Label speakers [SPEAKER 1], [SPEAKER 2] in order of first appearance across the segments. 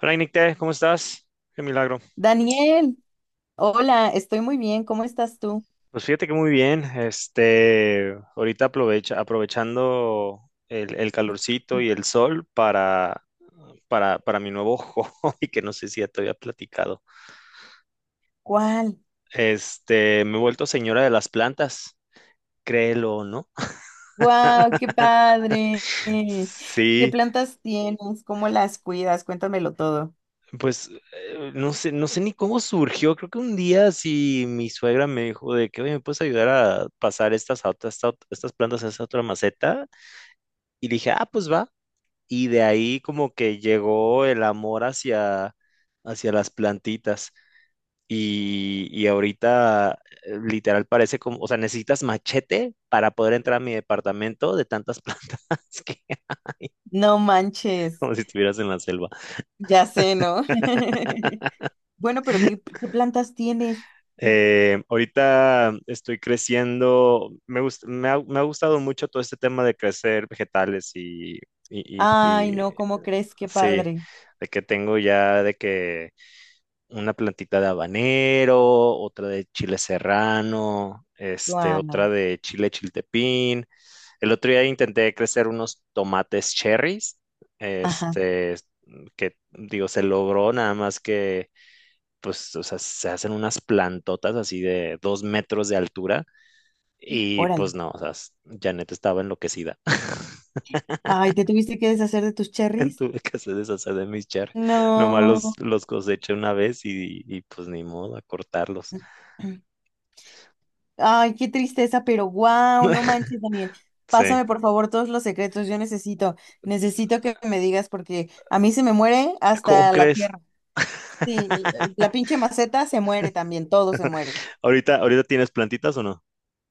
[SPEAKER 1] Hola, Nicte, ¿cómo estás? Qué milagro.
[SPEAKER 2] Daniel, hola, estoy muy bien, ¿cómo estás tú?
[SPEAKER 1] Pues fíjate que muy bien. Ahorita aprovechando el calorcito y el sol para mi nuevo hobby, que no sé si ya te había platicado.
[SPEAKER 2] ¿Cuál?
[SPEAKER 1] Me he vuelto señora de las plantas, créelo o no.
[SPEAKER 2] ¡Guau, qué padre! ¿Qué
[SPEAKER 1] Sí,
[SPEAKER 2] plantas tienes? ¿Cómo las cuidas? Cuéntamelo todo.
[SPEAKER 1] pues no sé ni cómo surgió. Creo que un día sí mi suegra me dijo de que, oye, ¿me puedes ayudar a pasar estas plantas a esta otra maceta? Y dije, ah, pues va. Y de ahí como que llegó el amor hacia las plantitas. Y ahorita literal parece como, o sea, necesitas machete para poder entrar a mi departamento de tantas plantas que
[SPEAKER 2] No manches,
[SPEAKER 1] como si estuvieras en la selva.
[SPEAKER 2] ya sé, ¿no? Bueno, pero ¿qué plantas tienes?
[SPEAKER 1] Ahorita estoy me ha gustado mucho todo este tema de crecer vegetales y, y-
[SPEAKER 2] Ay,
[SPEAKER 1] y,
[SPEAKER 2] no, ¿cómo crees? Qué
[SPEAKER 1] sí,
[SPEAKER 2] padre.
[SPEAKER 1] de que tengo ya de que una plantita de habanero, otra de chile serrano,
[SPEAKER 2] ¡Guau!
[SPEAKER 1] otra de chile chiltepín. El otro día intenté crecer unos tomates cherries,
[SPEAKER 2] Ajá,
[SPEAKER 1] este, que digo, se logró nada más que, pues, o sea, se hacen unas plantotas así de 2 metros de altura y
[SPEAKER 2] órale.
[SPEAKER 1] pues no, o sea, Janet estaba enloquecida.
[SPEAKER 2] Ay, ¿te tuviste que deshacer de tus cherries?
[SPEAKER 1] Tuve que hacer deshacer de mis cherries. Nomás
[SPEAKER 2] No.
[SPEAKER 1] los coseché una vez y pues ni modo a cortarlos.
[SPEAKER 2] Ay, qué tristeza, pero wow, no manches, Daniel.
[SPEAKER 1] Sí.
[SPEAKER 2] Pásame por favor todos los secretos, yo necesito, necesito que me digas porque a mí se me muere
[SPEAKER 1] ¿Cómo
[SPEAKER 2] hasta la
[SPEAKER 1] crees?
[SPEAKER 2] tierra. Sí, la pinche maceta se muere también, todo se muere.
[SPEAKER 1] ¿Ahorita tienes plantitas o no?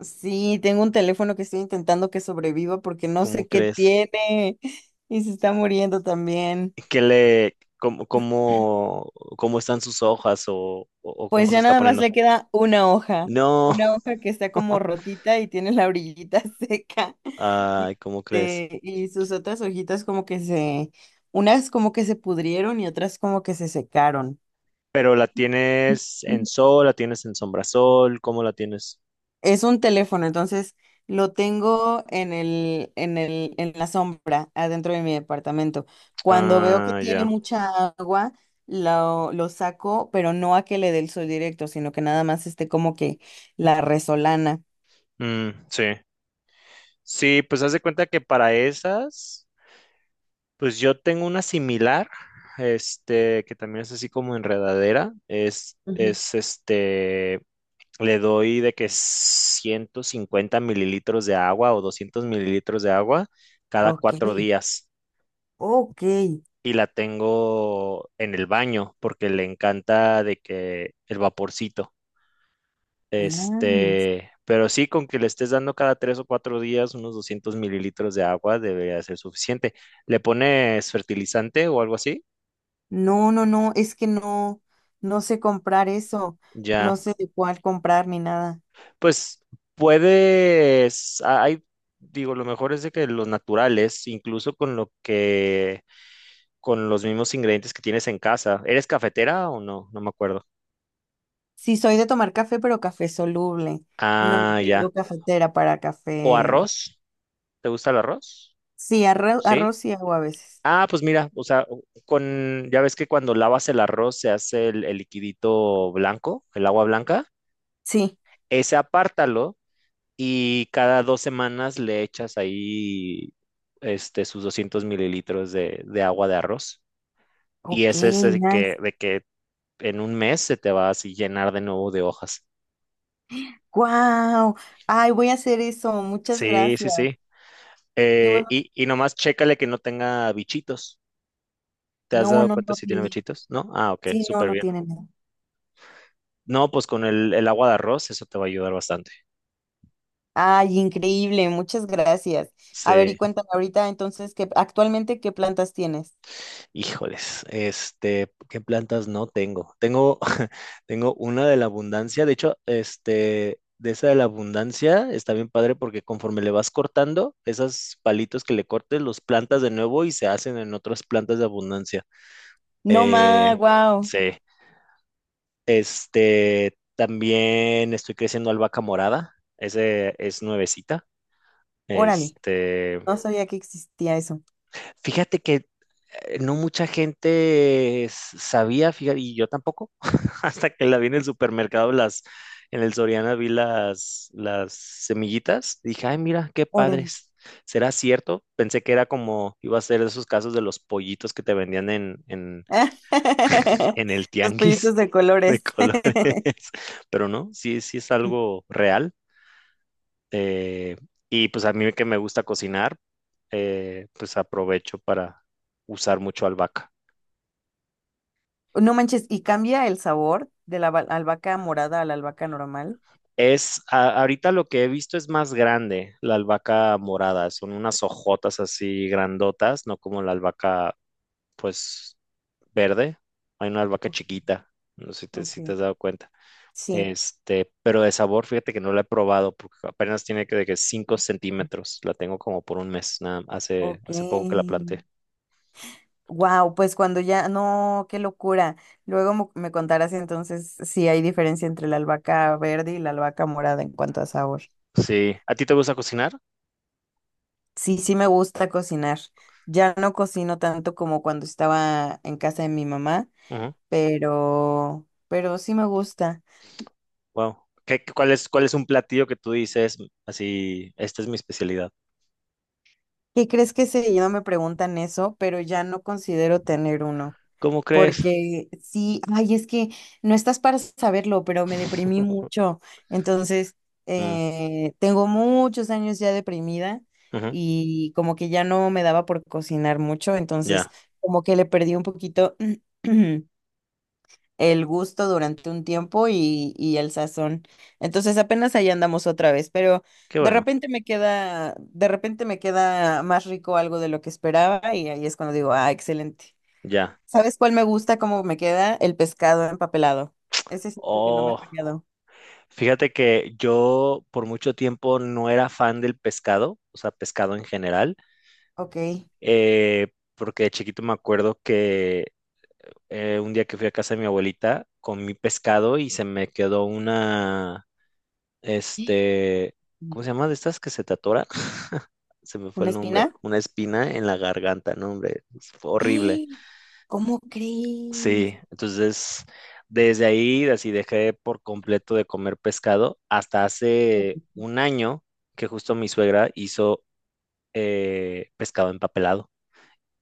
[SPEAKER 2] Sí, tengo un teléfono que estoy intentando que sobreviva porque no
[SPEAKER 1] ¿Cómo
[SPEAKER 2] sé qué
[SPEAKER 1] crees?
[SPEAKER 2] tiene y se está muriendo también.
[SPEAKER 1] ¿Qué cómo están sus hojas o cómo
[SPEAKER 2] Pues
[SPEAKER 1] se
[SPEAKER 2] ya
[SPEAKER 1] está
[SPEAKER 2] nada más
[SPEAKER 1] poniendo?
[SPEAKER 2] le queda
[SPEAKER 1] No.
[SPEAKER 2] una hoja que está como rotita y tiene la orillita seca y,
[SPEAKER 1] Ay, ¿cómo crees?
[SPEAKER 2] este, y sus otras hojitas como que se, unas como que se pudrieron y otras como que se secaron.
[SPEAKER 1] Pero la tienes en sol, la tienes en sombrasol, ¿cómo la tienes?
[SPEAKER 2] Es un teléfono, entonces lo tengo en la sombra, adentro de mi departamento. Cuando veo que
[SPEAKER 1] Ah,
[SPEAKER 2] tiene
[SPEAKER 1] ya.
[SPEAKER 2] mucha agua, lo saco, pero no a que le dé el sol directo, sino que nada más esté como que la resolana.
[SPEAKER 1] Mm, sí. Sí, pues haz de cuenta que para esas. Pues yo tengo una similar, que también es así como enredadera. Le doy de que 150 mililitros de agua o 200 mililitros de agua cada
[SPEAKER 2] Ok,
[SPEAKER 1] 4 días.
[SPEAKER 2] ok,
[SPEAKER 1] Y la tengo en el baño porque le encanta de que el vaporcito.
[SPEAKER 2] nice.
[SPEAKER 1] Pero sí, con que le estés dando cada 3 o 4 días unos 200 mililitros de agua debería ser suficiente. ¿Le pones fertilizante o algo así?
[SPEAKER 2] No, es que no, no sé comprar eso,
[SPEAKER 1] Ya.
[SPEAKER 2] no sé de cuál comprar ni nada.
[SPEAKER 1] Pues hay, digo, lo mejor es de que los naturales, incluso con lo con los mismos ingredientes que tienes en casa. ¿Eres cafetera o no? No me acuerdo.
[SPEAKER 2] Sí, soy de tomar café, pero café soluble. No
[SPEAKER 1] Ah, ya.
[SPEAKER 2] tengo cafetera para
[SPEAKER 1] ¿O
[SPEAKER 2] café.
[SPEAKER 1] arroz? ¿Te gusta el arroz?
[SPEAKER 2] Sí, arroz,
[SPEAKER 1] Sí.
[SPEAKER 2] arroz y agua a veces.
[SPEAKER 1] Ah, pues mira, o sea, con, ya ves que cuando lavas el arroz se hace el liquidito blanco, el agua blanca.
[SPEAKER 2] Sí,
[SPEAKER 1] Ese apártalo y cada 2 semanas le echas ahí sus 200 mililitros de agua de arroz. Y
[SPEAKER 2] ok,
[SPEAKER 1] ese es el que,
[SPEAKER 2] nice.
[SPEAKER 1] de que en un mes se te va a así llenar de nuevo de hojas.
[SPEAKER 2] Wow, ay, voy a hacer eso, muchas
[SPEAKER 1] Sí, sí,
[SPEAKER 2] gracias.
[SPEAKER 1] sí.
[SPEAKER 2] Qué bueno.
[SPEAKER 1] Y nomás chécale que no tenga bichitos. ¿Te has
[SPEAKER 2] No,
[SPEAKER 1] dado
[SPEAKER 2] no,
[SPEAKER 1] cuenta
[SPEAKER 2] no
[SPEAKER 1] si tiene
[SPEAKER 2] tiene.
[SPEAKER 1] bichitos? ¿No? Ah, ok,
[SPEAKER 2] Sí, no,
[SPEAKER 1] súper
[SPEAKER 2] no
[SPEAKER 1] bien.
[SPEAKER 2] tiene nada.
[SPEAKER 1] No, pues con el agua de arroz eso te va a ayudar bastante.
[SPEAKER 2] Ay, increíble, muchas gracias. A ver,
[SPEAKER 1] Sí.
[SPEAKER 2] y cuéntame ahorita entonces que actualmente qué plantas tienes.
[SPEAKER 1] Híjoles, ¿qué plantas no tengo? Tengo, tengo una de la abundancia, de hecho, de esa de la abundancia está bien padre porque conforme le vas cortando, esos palitos que le cortes, los plantas de nuevo y se hacen en otras plantas de abundancia.
[SPEAKER 2] No
[SPEAKER 1] Eh,
[SPEAKER 2] más, wow.
[SPEAKER 1] sí, también estoy creciendo albahaca morada, ese es nuevecita,
[SPEAKER 2] Órale,
[SPEAKER 1] este,
[SPEAKER 2] no sabía que existía eso.
[SPEAKER 1] fíjate que no mucha gente sabía, fíjate, y yo tampoco, hasta que la vi en el supermercado, en el Soriana vi las semillitas, dije, ay, mira, qué
[SPEAKER 2] Órale.
[SPEAKER 1] padres. ¿Será cierto? Pensé que era como, iba a ser esos casos de los pollitos que te vendían en el
[SPEAKER 2] Los
[SPEAKER 1] tianguis
[SPEAKER 2] pollitos de
[SPEAKER 1] de
[SPEAKER 2] colores.
[SPEAKER 1] colores, pero no, sí, sí es algo real. eh, y pues a mí que me gusta cocinar, pues aprovecho para usar mucho albahaca.
[SPEAKER 2] No manches, ¿y cambia el sabor de la albahaca morada a la albahaca normal?
[SPEAKER 1] Ahorita lo que he visto es más grande, la albahaca morada, son unas hojotas así grandotas, no como la albahaca, pues, verde. Hay una albahaca chiquita, no sé
[SPEAKER 2] Ok.
[SPEAKER 1] si te has dado cuenta.
[SPEAKER 2] Sí,
[SPEAKER 1] Pero de sabor, fíjate que no la he probado, porque apenas tiene que de que 5 centímetros, la tengo como por un mes, nada,
[SPEAKER 2] ok.
[SPEAKER 1] hace poco que la planté.
[SPEAKER 2] Wow, pues cuando ya, no, qué locura. Luego me contarás entonces si hay diferencia entre la albahaca verde y la albahaca morada en cuanto a sabor.
[SPEAKER 1] Sí, ¿a ti te gusta cocinar?
[SPEAKER 2] Sí, sí me gusta cocinar. Ya no cocino tanto como cuando estaba en casa de mi mamá,
[SPEAKER 1] Ujú.
[SPEAKER 2] pero sí me gusta.
[SPEAKER 1] Wow. ¿Cuál es un platillo que tú dices así, esta es mi especialidad?
[SPEAKER 2] ¿Qué crees que seguido me preguntan eso, pero ya no considero tener uno?
[SPEAKER 1] ¿Cómo crees?
[SPEAKER 2] Porque sí, ay, es que no estás para saberlo, pero me deprimí mucho. Entonces,
[SPEAKER 1] Mm.
[SPEAKER 2] tengo muchos años ya deprimida
[SPEAKER 1] Ujú,
[SPEAKER 2] y como que ya no me daba por cocinar mucho, entonces
[SPEAKER 1] ya,
[SPEAKER 2] como que le perdí un poquito. El gusto durante un tiempo y el sazón. Entonces apenas ahí andamos otra vez, pero
[SPEAKER 1] qué
[SPEAKER 2] de
[SPEAKER 1] bueno,
[SPEAKER 2] repente me queda, de repente me queda más rico algo de lo que esperaba y ahí es cuando digo, ah, excelente.
[SPEAKER 1] ya.
[SPEAKER 2] ¿Sabes cuál me gusta? ¿Cómo me queda? El pescado empapelado. Ese siento que no me ha
[SPEAKER 1] Oh,
[SPEAKER 2] fallado.
[SPEAKER 1] fíjate que yo por mucho tiempo no era fan del pescado, o sea, pescado en general,
[SPEAKER 2] Ok.
[SPEAKER 1] porque de chiquito me acuerdo que un día que fui a casa de mi abuelita comí pescado y se me quedó una, este, ¿cómo se llama? De estas que se te atoran. Se me fue
[SPEAKER 2] ¿Una
[SPEAKER 1] el nombre,
[SPEAKER 2] espina?
[SPEAKER 1] una espina en la garganta, no, hombre, fue horrible.
[SPEAKER 2] ¡Eh! ¿Cómo crees?
[SPEAKER 1] Sí, entonces desde ahí así dejé por completo de comer pescado hasta hace un año que justo mi suegra hizo pescado empapelado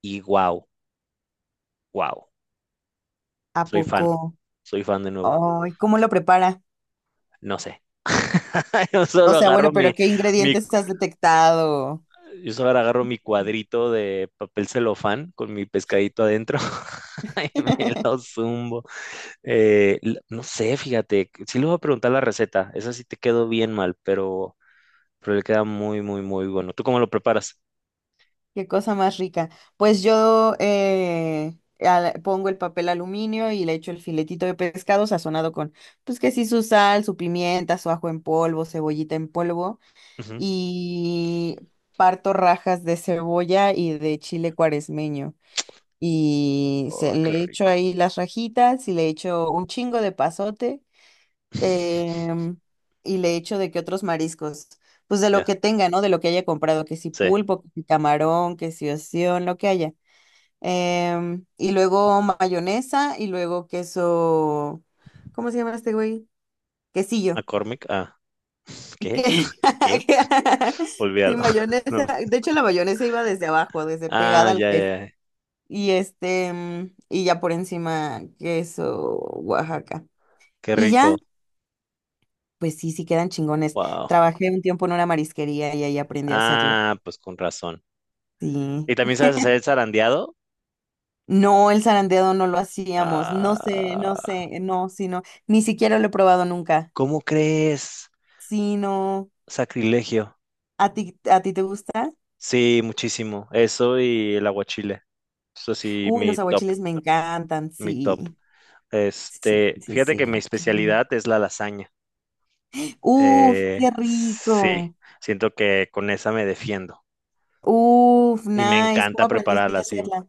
[SPEAKER 1] y wow, wow,
[SPEAKER 2] ¿A
[SPEAKER 1] soy fan,
[SPEAKER 2] poco?
[SPEAKER 1] soy fan de nuevo,
[SPEAKER 2] Ay, ¿cómo lo prepara?
[SPEAKER 1] no sé, yo
[SPEAKER 2] O
[SPEAKER 1] solo
[SPEAKER 2] sea,
[SPEAKER 1] agarro
[SPEAKER 2] bueno, pero ¿qué
[SPEAKER 1] mi,
[SPEAKER 2] ingredientes has detectado?
[SPEAKER 1] yo solo agarro mi cuadrito de papel celofán con mi pescadito adentro y me lo zumbo. No sé, fíjate, sí le voy a preguntar la receta, esa sí te quedó bien mal, pero le queda muy, muy, muy bueno. ¿Tú cómo lo preparas?
[SPEAKER 2] Qué cosa más rica. Pues yo pongo el papel aluminio y le echo el filetito de pescado sazonado con, pues que sí, su sal, su pimienta, su ajo en polvo, cebollita en polvo
[SPEAKER 1] Ujú.
[SPEAKER 2] y parto rajas de cebolla y de chile cuaresmeño. Y se,
[SPEAKER 1] Ay, qué
[SPEAKER 2] le echo
[SPEAKER 1] rico.
[SPEAKER 2] ahí las rajitas y le echo un chingo de pasote em, y le echo de que otros mariscos, pues de lo
[SPEAKER 1] Ya,
[SPEAKER 2] que tenga, ¿no? De lo que haya comprado, que si
[SPEAKER 1] sí.
[SPEAKER 2] pulpo, que si camarón, que si ostión, lo que haya. Y luego mayonesa y luego queso, ¿cómo se llama este güey? Quesillo.
[SPEAKER 1] McCormick, ah, ¿qué?
[SPEAKER 2] Que-
[SPEAKER 1] ¿Qué?
[SPEAKER 2] Sí,
[SPEAKER 1] Olvídalo. No.
[SPEAKER 2] mayonesa. De hecho, la mayonesa iba desde abajo, desde
[SPEAKER 1] Ah,
[SPEAKER 2] pegada al
[SPEAKER 1] ya,
[SPEAKER 2] pez.
[SPEAKER 1] ya, ya.
[SPEAKER 2] Y este, mm, y ya por encima queso Oaxaca.
[SPEAKER 1] Qué
[SPEAKER 2] Y ya,
[SPEAKER 1] rico.
[SPEAKER 2] pues sí, sí quedan chingones.
[SPEAKER 1] Wow.
[SPEAKER 2] Trabajé un tiempo en una marisquería y ahí aprendí a hacerlo.
[SPEAKER 1] Ah, pues con razón.
[SPEAKER 2] Sí.
[SPEAKER 1] ¿Y también sabes hacer el zarandeado?
[SPEAKER 2] No, el zarandeado no lo hacíamos. No sé, no
[SPEAKER 1] Ah,
[SPEAKER 2] sé, no, sí, no. Ni siquiera lo he probado nunca.
[SPEAKER 1] ¿cómo crees?
[SPEAKER 2] Sí, no.
[SPEAKER 1] Sacrilegio.
[SPEAKER 2] A ti te gusta?
[SPEAKER 1] Sí, muchísimo. Eso y el aguachile. Eso sí,
[SPEAKER 2] Uy,
[SPEAKER 1] mi
[SPEAKER 2] los
[SPEAKER 1] top,
[SPEAKER 2] aguachiles me encantan,
[SPEAKER 1] mi top.
[SPEAKER 2] sí. Sí, sí,
[SPEAKER 1] Fíjate
[SPEAKER 2] sí.
[SPEAKER 1] que
[SPEAKER 2] El
[SPEAKER 1] mi
[SPEAKER 2] aguachile.
[SPEAKER 1] especialidad es la lasaña.
[SPEAKER 2] Uf, qué
[SPEAKER 1] Sí,
[SPEAKER 2] rico.
[SPEAKER 1] siento que con esa me defiendo
[SPEAKER 2] Uf,
[SPEAKER 1] y me
[SPEAKER 2] nice. ¿Cómo
[SPEAKER 1] encanta
[SPEAKER 2] aprendiste
[SPEAKER 1] prepararla
[SPEAKER 2] a
[SPEAKER 1] así.
[SPEAKER 2] hacerla?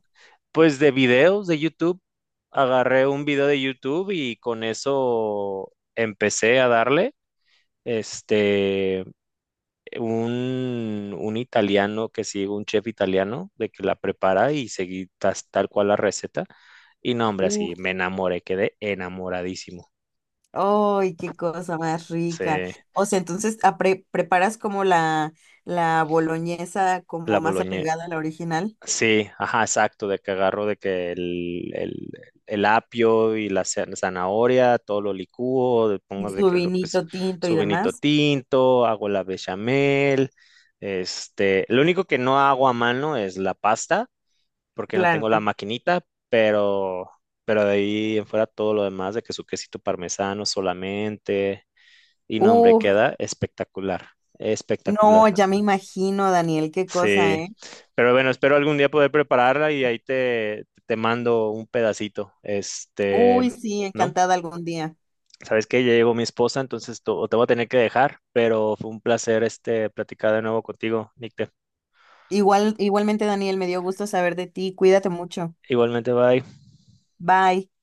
[SPEAKER 1] Pues de videos de YouTube, agarré un video de YouTube y con eso empecé a darle. Este, un italiano que sigue, un chef italiano, de que la prepara y seguí tal cual la receta. Y no, hombre, así
[SPEAKER 2] Uf.
[SPEAKER 1] me enamoré, quedé enamoradísimo.
[SPEAKER 2] ¡Ay, qué cosa más
[SPEAKER 1] Sí,
[SPEAKER 2] rica! O sea, entonces ah, preparas como la boloñesa
[SPEAKER 1] la
[SPEAKER 2] como más
[SPEAKER 1] boloñesa.
[SPEAKER 2] apegada a la original
[SPEAKER 1] Sí, ajá, exacto, de que agarro de que el apio y la zanahoria, todo lo licúo, le pongo
[SPEAKER 2] y
[SPEAKER 1] de
[SPEAKER 2] su
[SPEAKER 1] que lo, pues,
[SPEAKER 2] vinito tinto y
[SPEAKER 1] su vinito
[SPEAKER 2] demás.
[SPEAKER 1] tinto, hago la bechamel, lo único que no hago a mano es la pasta, porque no tengo la
[SPEAKER 2] Claro.
[SPEAKER 1] maquinita, pero de ahí en fuera todo lo demás, de que su quesito parmesano solamente, y no, hombre,
[SPEAKER 2] Uh,
[SPEAKER 1] queda espectacular, espectacular.
[SPEAKER 2] no, ya me imagino, Daniel, qué cosa,
[SPEAKER 1] Sí,
[SPEAKER 2] ¿eh?
[SPEAKER 1] pero bueno, espero algún día poder prepararla y ahí te mando un pedacito.
[SPEAKER 2] Uy, sí,
[SPEAKER 1] ¿No?
[SPEAKER 2] encantada algún día.
[SPEAKER 1] Sabes que ya llegó mi esposa, entonces to- o te voy a tener que dejar, pero fue un placer este platicar de nuevo contigo, Nicte.
[SPEAKER 2] Igual, igualmente, Daniel, me dio gusto saber de ti. Cuídate mucho.
[SPEAKER 1] Igualmente, bye.
[SPEAKER 2] Bye.